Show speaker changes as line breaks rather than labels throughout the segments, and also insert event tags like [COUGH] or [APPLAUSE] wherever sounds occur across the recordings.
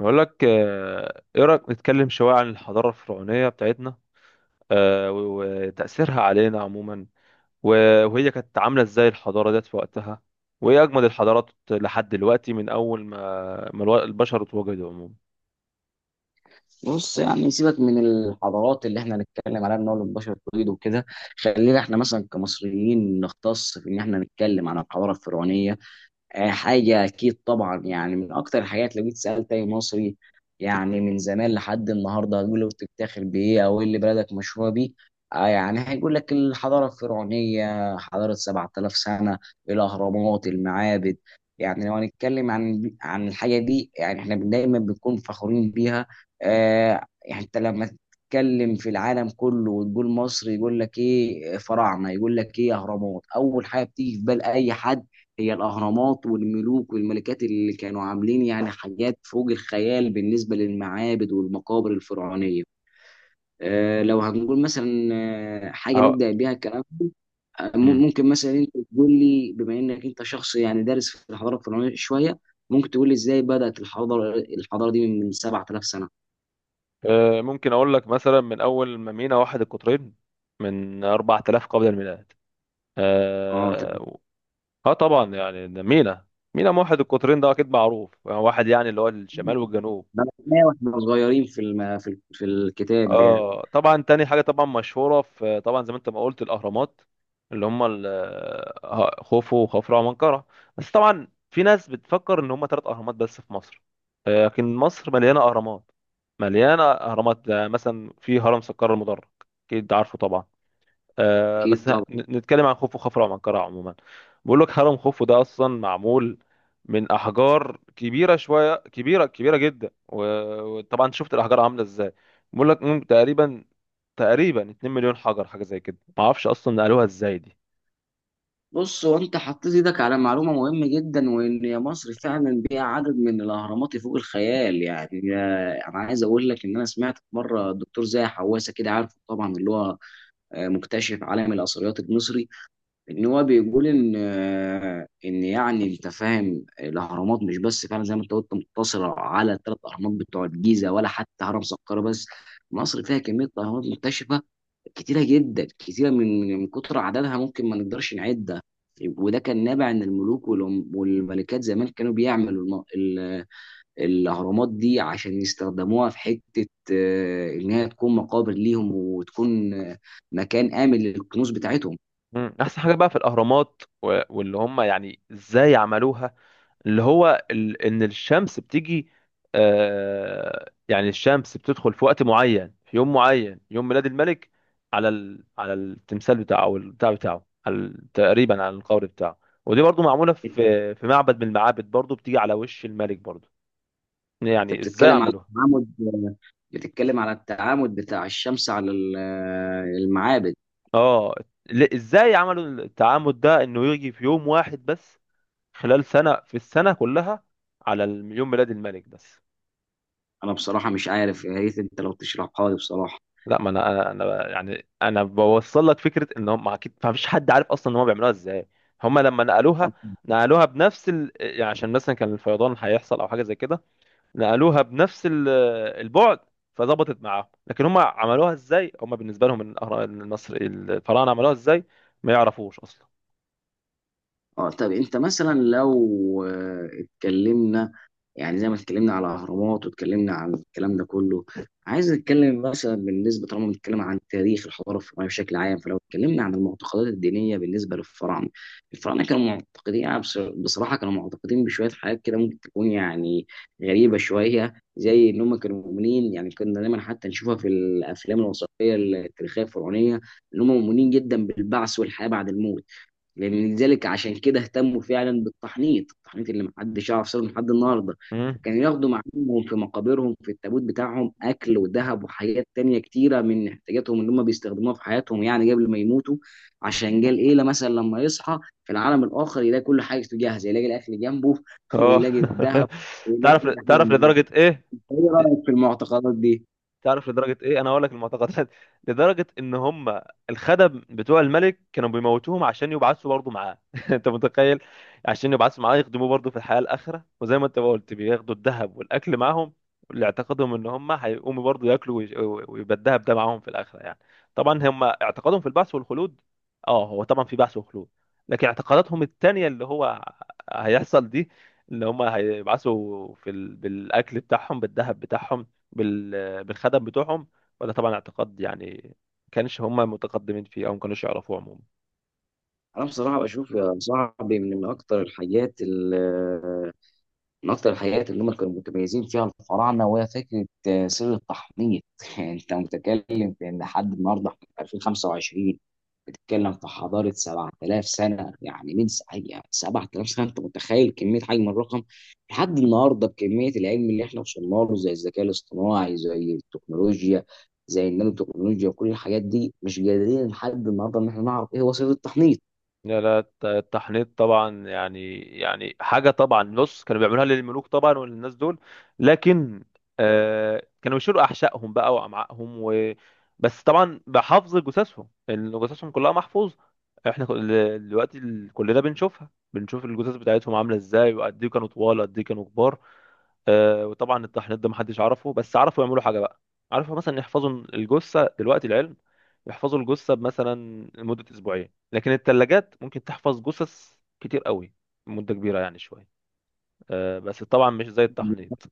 بقول لك ايه رايك نتكلم شويه عن الحضاره الفرعونيه بتاعتنا؟ وتاثيرها علينا عموما. وهي كانت عامله ازاي الحضاره ديت في وقتها؟ وايه اجمد الحضارات لحد دلوقتي من اول ما البشر اتوجدوا عموما.
بص يعني سيبك من الحضارات اللي احنا هنتكلم عليها ان هو البشر تريد وكده. خلينا احنا مثلا كمصريين نختص في ان احنا نتكلم عن الحضاره الفرعونيه. آه، حاجة أكيد طبعا، يعني من أكتر الحاجات. لو جيت سألت أي مصري يعني من زمان لحد النهاردة، هتقول له أنت بتفتخر بإيه أو إيه اللي بلدك مشهورة بيه؟ يعني هيقول لك الحضارة الفرعونية حضارة 7000 سنة، الأهرامات، المعابد. يعني لو هنتكلم عن الحاجة دي، يعني إحنا دايما بنكون فخورين بيها. يعني أنت لما تتكلم في العالم كله وتقول مصر، يقول لك إيه؟ فراعنة. يقول لك إيه؟ أهرامات. أول حاجة بتيجي في بال أي حد هي الأهرامات والملوك والملكات اللي كانوا عاملين يعني حاجات فوق الخيال، بالنسبة للمعابد والمقابر الفرعونية. لو هنقول مثلا حاجة
أه.
نبدأ بيها الكلام.
مم. أمم.
ممكن مثلا انت تقول لي، بما انك انت شخص يعني دارس في الحضارة الفرعونية شوية، ممكن تقول لي ازاي بدأت الحضارة دي من 7000 سنة؟
آه، ممكن اقول لك مثلا من اول ما مينا واحد القطرين من 4000 قبل الميلاد.
اه، تمام.
اه. آه طبعا، يعني ده مينا. مينا واحد القطرين ده اكيد معروف، واحد يعني اللي هو الشمال والجنوب.
بدأناها واحنا صغيرين في الم... في في الكتاب يعني.
اه طبعا، تاني حاجه طبعا مشهوره، في طبعا زي ما انت ما قلت الاهرامات، اللي هم خوفو وخفرع ومنقرع. بس طبعا في ناس بتفكر ان هم ثلاث اهرامات بس في مصر، لكن مصر مليانه اهرامات. مليانه اهرامات، مثلا في هرم سكر المدرج، اكيد عارفه طبعا. بس
اكيد.
نتكلم عن خوفو خفرع ومنقرع عموما. بقول لك هرم خوفو ده اصلا معمول من احجار كبيره شويه، كبيره كبيره جدا. وطبعا شفت الاحجار عامله ازاي. بقول لك تقريبا تقريبا 2 مليون حجر، حاجه زي كده، ما اعرفش اصلا نقلوها ازاي دي.
بص هو انت حطيت ايدك على معلومه مهمه جدا، وان يا مصر فعلا بيها عدد من الاهرامات فوق الخيال، يعني انا عايز اقول لك ان انا سمعت مره الدكتور زاهي حواسه، كده عارف طبعا، اللي هو مكتشف عالم الاثريات المصري. ان هو بيقول ان يعني انت فاهم الاهرامات مش بس، فعلا زي ما انت قلت، مقتصره على الثلاث اهرامات بتوع الجيزه ولا حتى هرم سقارة بس. مصر فيها كميه اهرامات مكتشفه كتيرة جدا، كتيرة، من كتر عددها ممكن ما نقدرش نعدها. وده كان نابع ان الملوك والملكات زمان كانوا بيعملوا الاهرامات دي عشان يستخدموها في حتة انها تكون مقابر ليهم، وتكون مكان آمن للكنوز بتاعتهم.
مم. احسن حاجه بقى في الاهرامات واللي هم يعني ازاي عملوها، اللي هو ان الشمس بتيجي. يعني الشمس بتدخل في وقت معين، في يوم معين، يوم ميلاد الملك، على ال على التمثال بتاعه، او البتاع بتاعه، على تقريبا على القبر بتاعه. ودي برضو معموله في معبد من المعابد، برضو بتيجي على وش الملك برضو.
انت
يعني ازاي
بتتكلم على
عملوها؟
التعامد، بتتكلم على التعامد بتاع الشمس على المعابد.
اه. ازاي عملوا التعامد ده، انه يجي في يوم واحد بس خلال سنه، في السنه كلها على يوم ميلاد الملك بس.
انا بصراحة مش عارف، يا ريت انت لو تشرحها لي بصراحة.
لا، ما انا يعني انا بوصل لك فكره ان هم اكيد ما فيش حد عارف اصلا ان هم بيعملوها ازاي. هم لما نقلوها، نقلوها بنفس يعني عشان مثلا كان الفيضان هيحصل او حاجه زي كده. نقلوها بنفس البعد، فظبطت معاهم. لكن هم عملوها ازاي، هم بالنسبه لهم إن النصر الفراعنه عملوها ازاي، ما يعرفوش اصلا.
اه، طب انت مثلا لو اتكلمنا، يعني زي ما اتكلمنا على اهرامات واتكلمنا عن الكلام ده كله، عايز نتكلم مثلا بالنسبه، طالما بنتكلم عن تاريخ الحضاره الفرعونيه بشكل عام، فلو اتكلمنا عن المعتقدات الدينيه بالنسبه للفراعنه. الفراعنه كانوا معتقدين، أنا بصراحه، كانوا معتقدين بشويه حاجات كده ممكن تكون يعني غريبه شويه، زي ان هم كانوا مؤمنين، يعني كنا دايما حتى نشوفها في الافلام الوثائقيه التاريخيه الفرعونيه ان هم مؤمنين جدا بالبعث والحياه بعد الموت. لذلك عشان كده اهتموا فعلا بالتحنيط، التحنيط اللي محدش يعرف سره لحد النهارده.
امم.
كانوا ياخدوا معاهم في مقابرهم في التابوت بتاعهم اكل وذهب وحاجات تانية كتيره من احتياجاتهم اللي هم بيستخدموها في حياتهم، يعني قبل ما يموتوا، عشان جه القيله مثلا لما يصحى في العالم الاخر يلاقي كل حاجه جاهزه، يلاقي الاكل جنبه [LAUGHS]
اه.
ويلاقي
[LAUGHS]
الذهب، ويلاقي
تعرف
كل حاجه
تعرف
معاه.
لدرجه ايه؟
ايه رايك في المعتقدات دي؟
تعرف لدرجة ايه انا هقول لك المعتقدات؟ [LAUGHS] لدرجة ان هم الخدم بتوع الملك كانوا بيموتوهم عشان يبعثوا برضه معاه. [LAUGHS] انت متخيل؟ عشان يبعثوا معاه يخدموه برضه في الحياة الآخرة، وزي ما انت ما قلت بياخدوا الذهب والأكل معاهم، اللي اعتقادهم ان هم هيقوموا برضه ياكلوا ويبقى الذهب ده معاهم في الآخرة يعني. طبعا هم اعتقادهم في البعث والخلود. اه هو طبعا في بعث وخلود، لكن اعتقاداتهم التانية اللي هو هيحصل دي، اللي هم هيبعثوا في بالأكل بتاعهم، بالذهب بتاعهم، بالخدم بتوعهم. وده طبعا اعتقاد يعني ما كانش هم متقدمين فيه، او ما كانوش يعرفوه عموما.
انا بصراحه بشوف يا صاحبي، من اكتر الحاجات اللي هم كانوا متميزين فيها الفراعنه، وهي فكره سر التحنيط. [LAUGHS] يعني انت متكلم في ان لحد النهارده احنا في 2025، بتتكلم في حضاره 7000 سنه، يعني يعني 7000 سنه، انت متخيل كميه حجم الرقم؟ لحد النهارده بكميه العلم اللي احنا وصلنا له، زي الذكاء الاصطناعي، زي التكنولوجيا، زي النانو تكنولوجيا، وكل الحاجات دي مش قادرين لحد النهارده ان احنا نعرف ايه هو سر التحنيط.
لا، لا التحنيط طبعا، يعني حاجه طبعا، بص كانوا بيعملوها للملوك طبعا وللناس دول. لكن كانوا بيشيلوا احشائهم بقى وامعائهم بس طبعا بحفظ جثثهم، لان جثثهم كلها محفوظه. احنا دلوقتي كلنا بنشوفها، بنشوف الجثث بتاعتهم عامله ازاي، وقد ايه كانوا طوال، قد ايه كانوا كبار. وطبعا التحنيط ده محدش عرفه، بس عرفوا يعملوا حاجه بقى. عرفوا مثلا يحفظوا الجثه، دلوقتي العلم يحفظوا الجثه مثلا لمده اسبوعين، لكن الثلاجات ممكن تحفظ جثث كتير قوي، مده كبيره يعني شويه. بس طبعا مش زي التحنيط.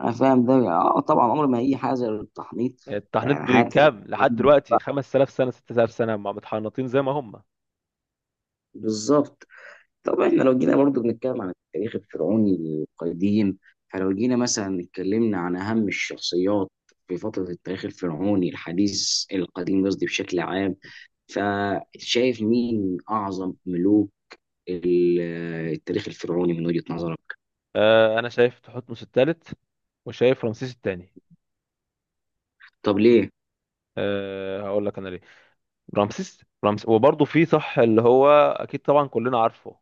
انا فاهم ده. اه، طبعا عمر ما هي حاجه زي التحنيط،
التحنيط
يعني حاجه.
بكام لحد دلوقتي، 5000 سنه، 6000 سنه، مع متحنطين زي ما هم.
بالظبط. طبعا احنا لو جينا برضو بنتكلم عن التاريخ الفرعوني القديم، فلو جينا مثلا اتكلمنا عن اهم الشخصيات في فتره التاريخ الفرعوني الحديث، القديم قصدي، بشكل عام، فشايف مين اعظم ملوك ال- التاريخ الفرعوني من وجهه نظرك؟
انا شايف تحتمس الثالث، وشايف رمسيس الثاني.
طب ليه؟
أه، هقول لك انا ليه. رمسيس وبرضه في صح اللي هو اكيد طبعا كلنا عارفه،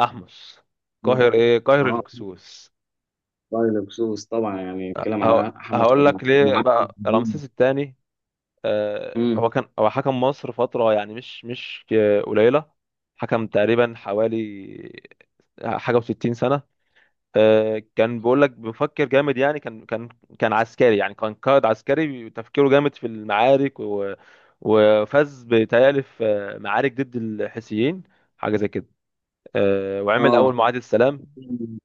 احمس
مم.
قاهر ايه، قاهر
اه،
الهكسوس.
طيب بخصوص طبعا يعني بنتكلم
ه-
عن حمص
هقول لك ليه
ومعبد
بقى
الدين.
رمسيس الثاني.
امم.
هو حكم مصر فترة يعني مش قليلة. حكم تقريبا حوالي حاجة و60 سنة. كان بيقول لك بيفكر جامد، يعني كان عسكري، يعني كان قائد عسكري تفكيره جامد في المعارك، وفاز بيتهيألي في معارك ضد الحيثيين، حاجة زي كده. وعمل أول
اه،
معاهدة سلام.
انا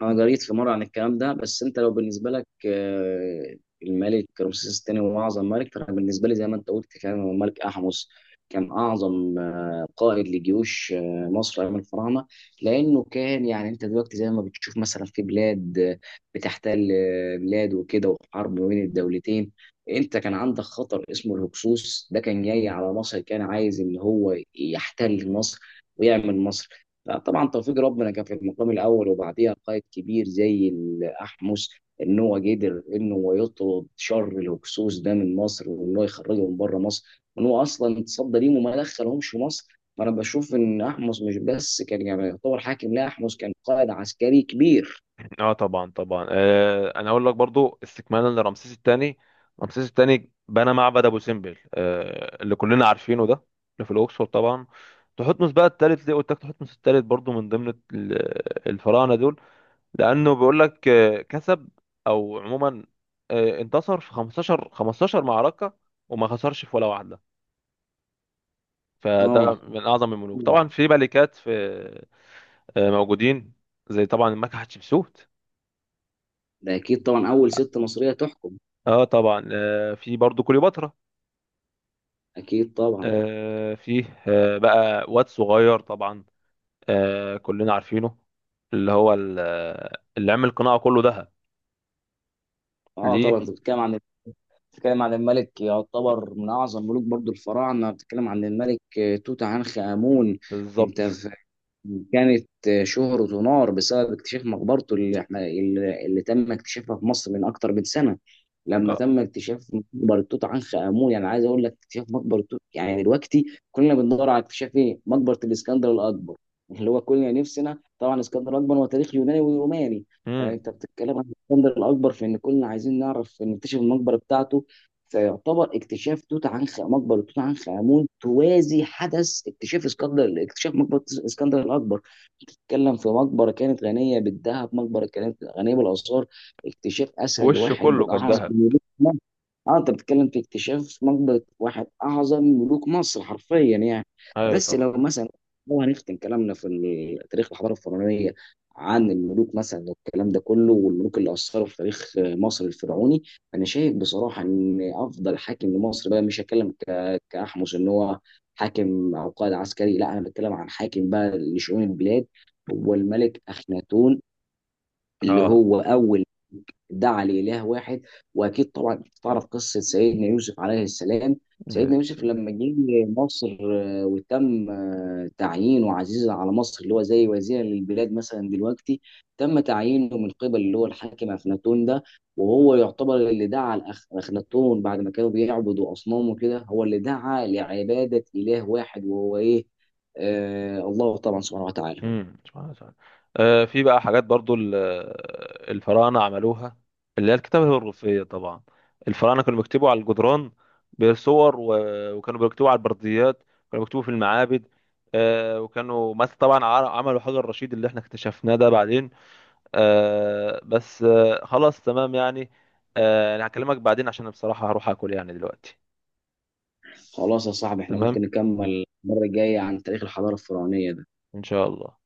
قريت في مره عن الكلام ده، بس انت لو بالنسبه لك الملك رمسيس الثاني هو اعظم ملك، فانا بالنسبه لي زي ما انت قلت فعلا هو الملك احمس. كان اعظم قائد لجيوش مصر ايام الفراعنه، لانه كان، يعني انت دلوقتي زي ما بتشوف مثلا في بلاد بتحتل بلاد وكده، وحرب ما بين الدولتين. انت كان عندك خطر اسمه الهكسوس، ده كان جاي على مصر، كان عايز ان هو يحتل مصر ويعمل مصر. لا طبعا، توفيق ربنا كان في المقام الاول، وبعديها قائد كبير زي الاحمس، ان هو قدر ان هو يطرد شر الهكسوس ده من مصر، وان هو يخرجه من بره مصر، وان هو اصلا اتصدى ليهم وما دخلهمش مصر. فانا بشوف ان احمس مش بس كان يعني يعتبر حاكم، لا احمس كان قائد عسكري كبير.
اه طبعا طبعا، أنا أقول لك برضو استكمالا لرمسيس الثاني. رمسيس الثاني بنى معبد أبو سمبل، اللي كلنا عارفينه ده، اللي في الأقصر طبعا. تحتمس بقى الثالث، ليه قلت لك تحتمس الثالث برضو من ضمن الفراعنة دول؟ لانه بيقول لك كسب، او عموما انتصر في 15 15 معركه، وما خسرش في ولا واحده. فده
اه.
من اعظم الملوك. طبعا في ملكات، في موجودين زي طبعا الملكه حتشبسوت.
ده اكيد طبعا اول ست مصريه تحكم.
اه طبعا، في برضو كليوباترا.
اكيد طبعا.
في بقى واد صغير طبعا، كلنا عارفينه، اللي هو اللي عمل القناع كله ذهب.
اه،
ليه؟
طبعا انت بتتكلم عن، بتتكلم عن الملك، يعتبر من اعظم ملوك برضو الفراعنه، بتتكلم عن الملك توت عنخ امون. انت
بالظبط.
ف- كانت شهرته نار بسبب اكتشاف مقبرته، اللي احنا اللي تم اكتشافها في مصر من اكتر من سنه. لما
اه.
تم اكتشاف مقبره توت عنخ امون، يعني عايز اقول لك، اكتشاف مقبره توت يعني، دلوقتي كلنا بندور على اكتشاف ايه؟ مقبره الاسكندر الاكبر، اللي هو كلنا نفسنا طبعا. اسكندر الاكبر هو تاريخ يوناني وروماني،
امم.
فانت بتتكلم عن الاسكندر الاكبر في ان كلنا عايزين نعرف نكتشف المقبره بتاعته. فيعتبر اكتشاف توت عنخ، مقبره توت عنخ امون، توازي حدث اكتشاف اسكندر، اكتشاف مقبره اسكندر الاكبر. بتتكلم في مقبره كانت غنيه بالذهب، مقبره كانت غنيه بالاثار، اكتشاف اثر
وشه
الواحد
كله
من
كان
اعظم.
ذهب.
اه، انت بتتكلم في اكتشاف مقبرة واحد اعظم ملوك مصر حرفيا يعني.
ايوه
بس
طبعا.
لو مثلا، لو هنختم كلامنا في تاريخ الحضاره الفرعونيه عن الملوك مثلا والكلام ده كله، والملوك اللي اثروا في تاريخ مصر الفرعوني، انا شايف بصراحه ان افضل حاكم لمصر بقى، مش هتكلم كاحمس ان هو حاكم او قائد عسكري، لا، انا بتكلم عن حاكم بقى لشؤون البلاد، هو الملك اخناتون، اللي
اه.
هو اول دعا لإله واحد. وأكيد طبعا تعرف قصة سيدنا يوسف عليه السلام. سيدنا
بسم
يوسف
الله.
لما جه مصر وتم تعيينه عزيز على مصر، اللي هو زي وزير للبلاد مثلا دلوقتي، تم تعيينه من قبل اللي هو الحاكم أخناتون ده. وهو يعتبر اللي دعا أخناتون بعد ما كانوا بيعبدوا أصنام وكده، هو اللي دعا لعبادة إله واحد، وهو إيه؟ الله طبعا سبحانه وتعالى.
امم، سبحان الله. في بقى حاجات برضو الفراعنه عملوها، اللي هي الكتابه الرفيه طبعا. الفراعنه كانوا بيكتبوا على الجدران بصور، وكانوا بيكتبوا على البرديات، كانوا بيكتبوا في المعابد. وكانوا مثلا طبعا عملوا حجر الرشيد اللي احنا اكتشفناه ده بعدين. آه، بس آه، خلاص تمام يعني. انا هكلمك بعدين عشان بصراحه هروح اكل يعني دلوقتي.
خلاص يا صاحبي، احنا ممكن
تمام.
نكمل المرة الجاية عن تاريخ الحضارة الفرعونية ده.
ان شاء الله.